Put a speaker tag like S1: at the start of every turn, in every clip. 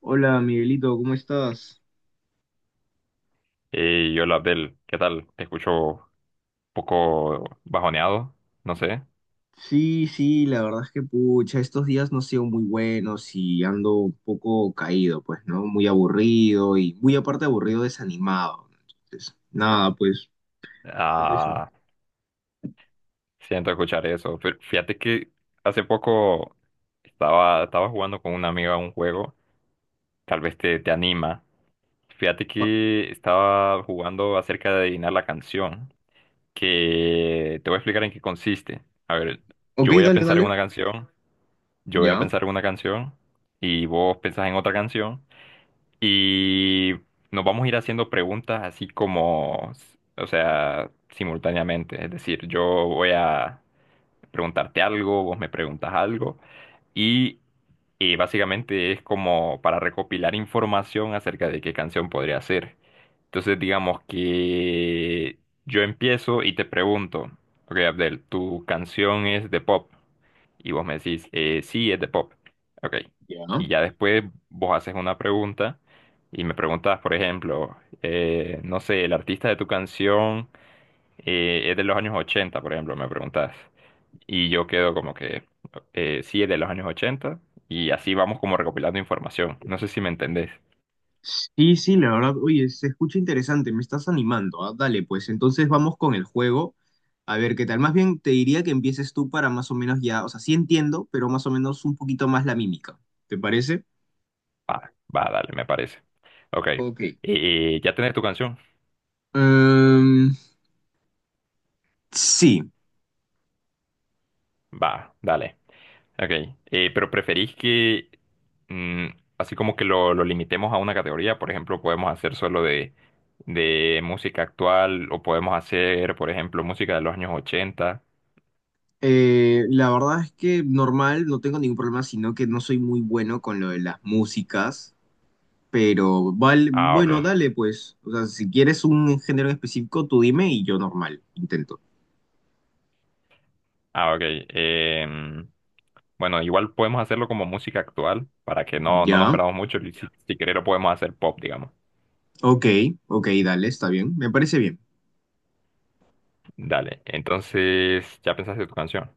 S1: Hola Miguelito, ¿cómo estás?
S2: Y hola Abdel, ¿qué tal? Te escucho un poco bajoneado, no sé.
S1: Sí, sí, la verdad es que pucha, estos días no han sido muy buenos y ando un poco caído, pues, ¿no? Muy aburrido y muy aparte aburrido, desanimado. Entonces, nada, pues, eso.
S2: Ah, siento escuchar eso. Pero fíjate que hace poco estaba jugando con una amiga un juego, tal vez te anima. Fíjate
S1: Ah,
S2: que estaba jugando acerca de adivinar la canción, que te voy a explicar en qué consiste. A ver,
S1: ok,
S2: yo voy a
S1: dale,
S2: pensar en
S1: dale.
S2: una canción, yo voy a
S1: Ya,
S2: pensar en una canción, y vos pensás en otra canción. Y nos vamos a ir haciendo preguntas así como, o sea, simultáneamente. Es decir, yo voy a preguntarte algo, vos me preguntas algo y básicamente es como para recopilar información acerca de qué canción podría ser. Entonces digamos que yo empiezo y te pregunto, ok Abdel, tu canción es de pop y vos me decís, sí, es de pop. Ok,
S1: ya.
S2: y ya después vos haces una pregunta y me preguntas, por ejemplo, no sé, el artista de tu canción es de los años 80, por ejemplo, me preguntas. Y yo quedo como que, sí, es de los años ochenta. Y así vamos como recopilando información. No sé si me entendés.
S1: Sí, sí, la verdad, oye, se escucha interesante, me estás animando, dale, pues, entonces vamos con el juego. A ver, ¿qué tal? Más bien te diría que empieces tú para más o menos ya, o sea, sí entiendo, pero más o menos un poquito más la mímica. ¿Te parece?
S2: Va, va, dale, me parece. Ok.
S1: Ok.
S2: ¿Ya tenés tu canción?
S1: Em, sí,
S2: Va, dale. Ok. Pero preferís que, mm, así como que lo limitemos a una categoría. Por ejemplo, podemos hacer solo de música actual o podemos hacer, por ejemplo, música de los años ochenta.
S1: la verdad es que normal, no tengo ningún problema, sino que no soy muy bueno con lo de las músicas, pero vale,
S2: Ah,
S1: bueno,
S2: ok.
S1: dale pues. O sea, si quieres un género en específico, tú dime y yo normal, intento.
S2: Ah, ok. Em, bueno, igual podemos hacerlo como música actual para que no nos
S1: Ya,
S2: perdamos mucho y si querés lo podemos hacer pop, digamos.
S1: ok, ok, dale, está bien, me parece bien.
S2: Dale, entonces ya pensaste tu canción.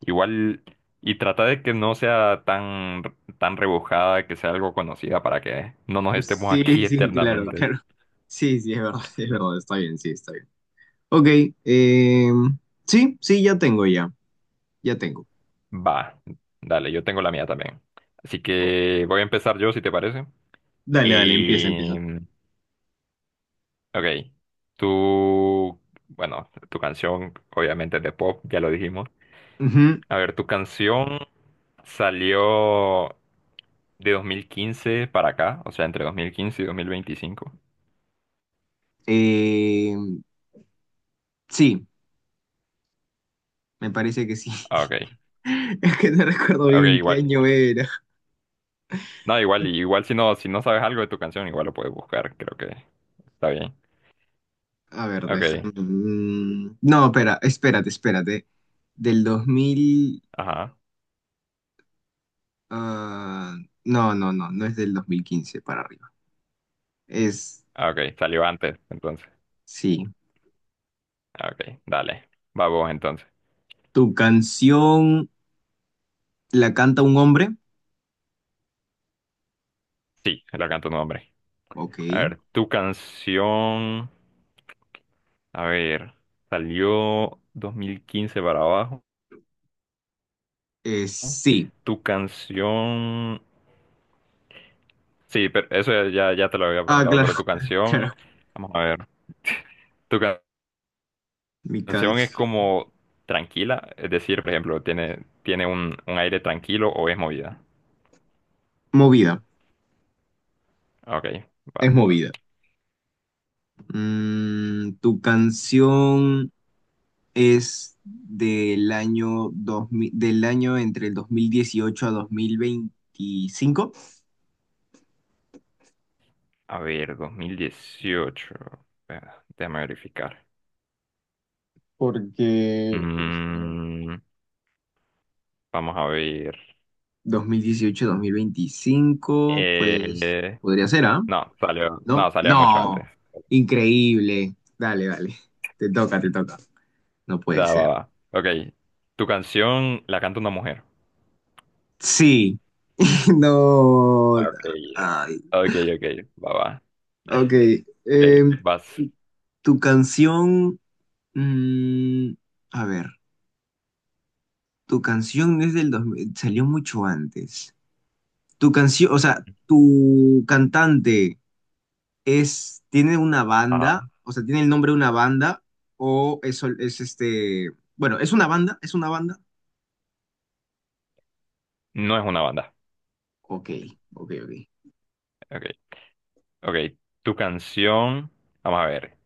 S2: Igual, y trata de que no sea tan rebujada, que sea algo conocida para que no nos estemos
S1: Sí,
S2: aquí
S1: sí, claro,
S2: eternamente.
S1: claro. Sí, sí, es verdad, es verdad, está bien, sí, está bien. Ok, em, sí, sí, ya tengo.
S2: Va, dale, yo tengo la mía también. Así que voy a empezar yo, si te parece.
S1: Dale, dale, empieza, y empieza.
S2: Eh, Ok, tú, bueno, tu canción obviamente es de pop, ya lo dijimos.
S1: Ujú.
S2: A ver, tu canción salió de 2015 para acá, o sea, entre 2015 y 2025.
S1: Eh, sí, me parece que sí.
S2: Ah, ok,
S1: Es que no recuerdo
S2: ok,
S1: bien qué
S2: igual.
S1: año era.
S2: No, igual, igual si no sabes algo de tu canción, igual lo puedes buscar, creo que está bien.
S1: A ver,
S2: Ok,
S1: déjame. No, espera, espérate. Del 2000.
S2: ajá.
S1: Ah, no, no, no, no es del 2015 para arriba. Es,
S2: Ah, ok, salió antes, entonces.
S1: sí.
S2: Ah, ok, dale, va vos entonces.
S1: ¿Tu canción la canta un hombre?
S2: Sí, la canto tu nombre.
S1: Ok.
S2: A ver, tu canción. A ver, salió 2015 para abajo.
S1: Sí.
S2: Tu canción. Sí, pero eso ya te lo había
S1: Ah,
S2: preguntado,
S1: claro,
S2: pero tu canción.
S1: claro.
S2: Vamos a ver. Tu ca-
S1: Mi
S2: canción es
S1: canción.
S2: como tranquila, es decir, por ejemplo, tiene un aire tranquilo o es movida.
S1: Movida,
S2: Ok,
S1: es
S2: va.
S1: movida. ¿Tu canción es del año 2000 del año entre el 2018 a 2025?
S2: A ver, 2018. Espera, déjame verificar.
S1: Porque,
S2: Mm, vamos a ver.
S1: 2018 a 2025 pues
S2: Eh,
S1: podría ser, ¿ah?
S2: no, salió, no,
S1: ¿No?
S2: salió mucho
S1: No,
S2: antes.
S1: increíble. Dale, dale. Te toca, te toca. No puede
S2: Da, va,
S1: ser.
S2: va. Ok. Tu canción la canta una mujer.
S1: Sí, no.
S2: Ah, ok.
S1: Ay,
S2: Ok, ok. Va, va.
S1: ok.
S2: Ok,
S1: eh,
S2: vas.
S1: tu canción, mm, a ver, tu canción es del 2000, salió mucho antes. Tu canción, o sea, tu cantante es, tiene una
S2: Ajá.
S1: banda, o sea, tiene el nombre de una banda, o es, sol- es este, bueno, es una banda, es una banda.
S2: No es una banda.
S1: Ok, ok, ok.
S2: Ok. Ok. Tu canción. Vamos a ver.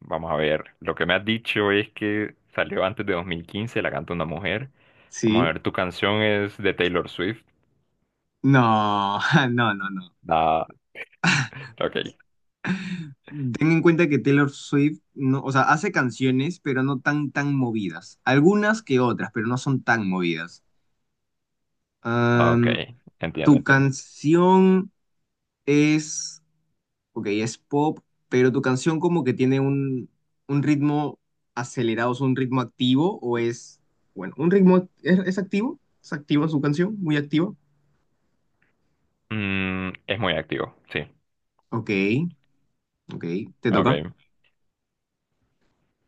S2: Vamos a ver. Lo que me has dicho es que salió antes de dos mil quince, la canta una mujer. Vamos a
S1: Sí.
S2: ver. Tu canción es de Taylor Swift.
S1: No, no, no, no.
S2: Da. Ok.
S1: Ten en cuenta que Taylor Swift, no, o sea, hace canciones, pero no tan, tan movidas. Algunas que otras, pero no son tan movidas.
S2: Ok.
S1: Am,
S2: Entiendo,
S1: tu
S2: entiendo.
S1: canción es ok, es pop, pero tu canción como que tiene un ritmo acelerado, es un ritmo activo o es, bueno, un ritmo, es activo? ¿Es activa su canción? ¿Muy activa?
S2: Es muy activo. Sí.
S1: Ok, ok, te toca.
S2: Ok.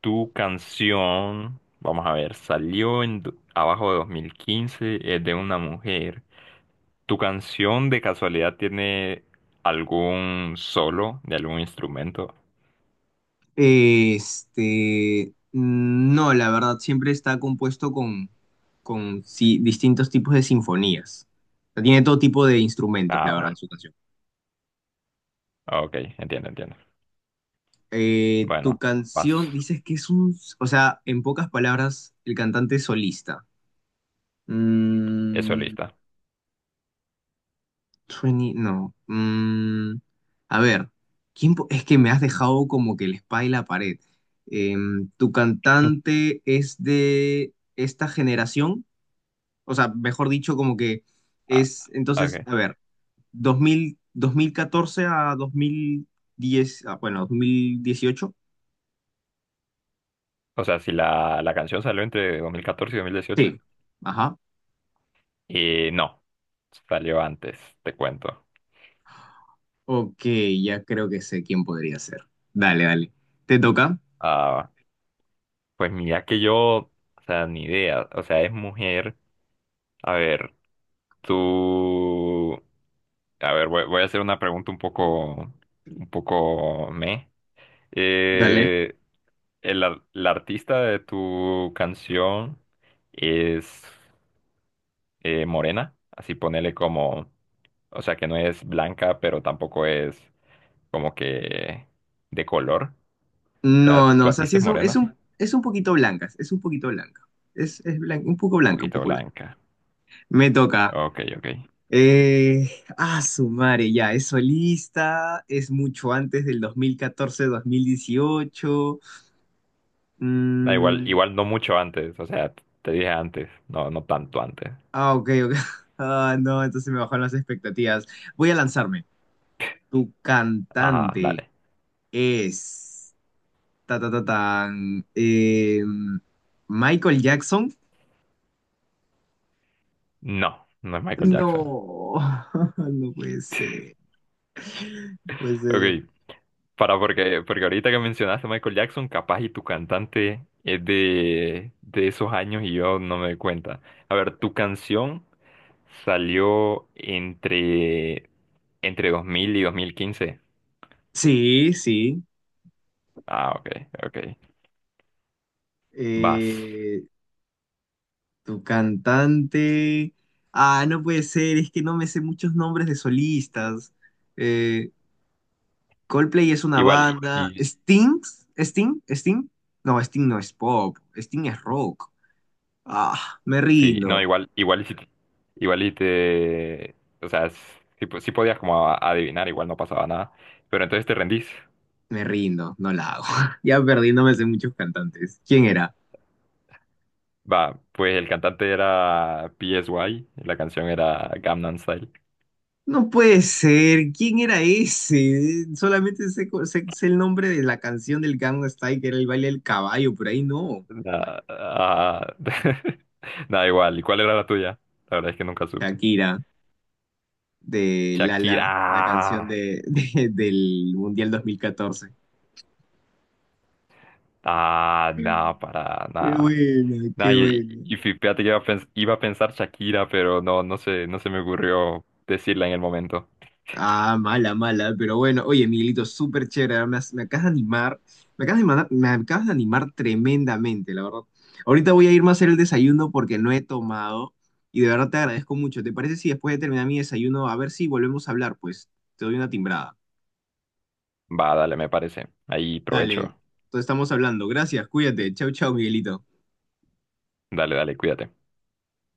S2: Tu canción, vamos a ver, salió abajo de 2015, es de una mujer. ¿Tu canción de casualidad tiene algún solo de algún instrumento?
S1: No, la verdad, siempre está compuesto con sí, distintos tipos de sinfonías. O sea, tiene todo tipo de instrumentos,
S2: Ah,
S1: la verdad,
S2: ok,
S1: su canción.
S2: ok, entiendo, entiendo.
S1: Tu
S2: Bueno, vas,
S1: canción, dices que es un, o sea, en pocas palabras, el cantante es solista.
S2: es
S1: Mm,
S2: solista.
S1: 20, no. A ver, ¿quién po- es que me has dejado como que el spa y la pared. ¿Tu cantante es de esta generación? O sea, mejor dicho, como que
S2: Ah,
S1: es, entonces,
S2: ok.
S1: a ver, 2014 a 2010, ah, bueno, 2018.
S2: O sea, si la canción salió entre 2014 y dos mil
S1: Sí,
S2: dieciocho.
S1: ajá.
S2: No, salió antes, te cuento.
S1: Ok, ya creo que sé quién podría ser. Dale, dale. ¿Te toca?
S2: Ah, pues mira que yo, o sea, ni idea. O sea, es mujer. A ver. Tú, a ver, voy a hacer una pregunta un poco meh.
S1: Dale.
S2: Eh, la artista de tu canción es morena, así ponele como, o sea, que no es blanca, pero tampoco es como que de color. O sea,
S1: No, no,
S2: tu
S1: o sea,
S2: artista es morena, un
S1: es un poquito blanca, es un poquito blanca. Un poco blanca, un
S2: poquito
S1: poco blanca.
S2: blanca.
S1: Me toca.
S2: Ok, ok.
S1: Eh, ya, es solista, es mucho antes del 2014-2018.
S2: Da igual,
S1: Mm,
S2: igual no mucho antes, o sea, te dije antes, no, no tanto antes.
S1: ah, ok, ok. Ah, no, entonces me bajaron las expectativas. Voy a lanzarme. Tu
S2: Ajá,
S1: cantante
S2: dale.
S1: es... Ta, ta, ta, tan, Michael Jackson.
S2: No, no es Michael
S1: No,
S2: Jackson.
S1: no puede ser. Puede ser.
S2: Ok, para porque ahorita que mencionaste a Michael Jackson, capaz y tu cantante es de esos años y yo no me doy cuenta. A ver, tu canción salió entre 2000 y 2015.
S1: Sí, sí.
S2: Ah, ok, ok. Vas.
S1: Eh, tu cantante. Ah, no puede ser, es que no me sé muchos nombres de solistas. Eh, Coldplay es una
S2: Igual,
S1: banda. ¿Sting? ¿Sting? ¿Sting? No, Sting no es pop. Sting es rock. Ah, me
S2: sí, no,
S1: rindo.
S2: igual, igual y si, igual y te, o sea, si, si podías como adivinar, igual no pasaba nada. Pero entonces te rendís.
S1: Me rindo, no la hago. Ya perdí, no me sé muchos cantantes. ¿Quién era?
S2: Va, pues el cantante era PSY, la canción era Gangnam Style.
S1: No puede ser, ¿quién era ese? Solamente sé, co- sé- sé el nombre de la canción del Gangnam Style, que era el baile del caballo, por ahí no.
S2: Nada, ah, nada igual. ¿Y cuál era la tuya? La verdad es que nunca supe.
S1: Shakira, de
S2: Shakira.
S1: Lala, la canción de, del Mundial 2014.
S2: No, para
S1: Qué
S2: nada.
S1: bueno,
S2: Nada,
S1: qué
S2: y,
S1: bueno.
S2: y fíjate que iba a, iba a pensar Shakira, pero no, no sé, no se me ocurrió decirla en el momento.
S1: Ah, mala, mala, pero bueno, oye, Miguelito, súper chévere, me acabas de animar, me acabas de animar tremendamente, la verdad. Ahorita voy a irme a hacer el desayuno porque no he tomado y de verdad te agradezco mucho. ¿Te parece si después de terminar mi desayuno, a ver si volvemos a hablar? Pues te doy una timbrada.
S2: Va, dale, me parece. Ahí
S1: Dale,
S2: provecho.
S1: entonces estamos hablando. Gracias, cuídate. Chau, chau, Miguelito.
S2: Dale, dale, cuídate.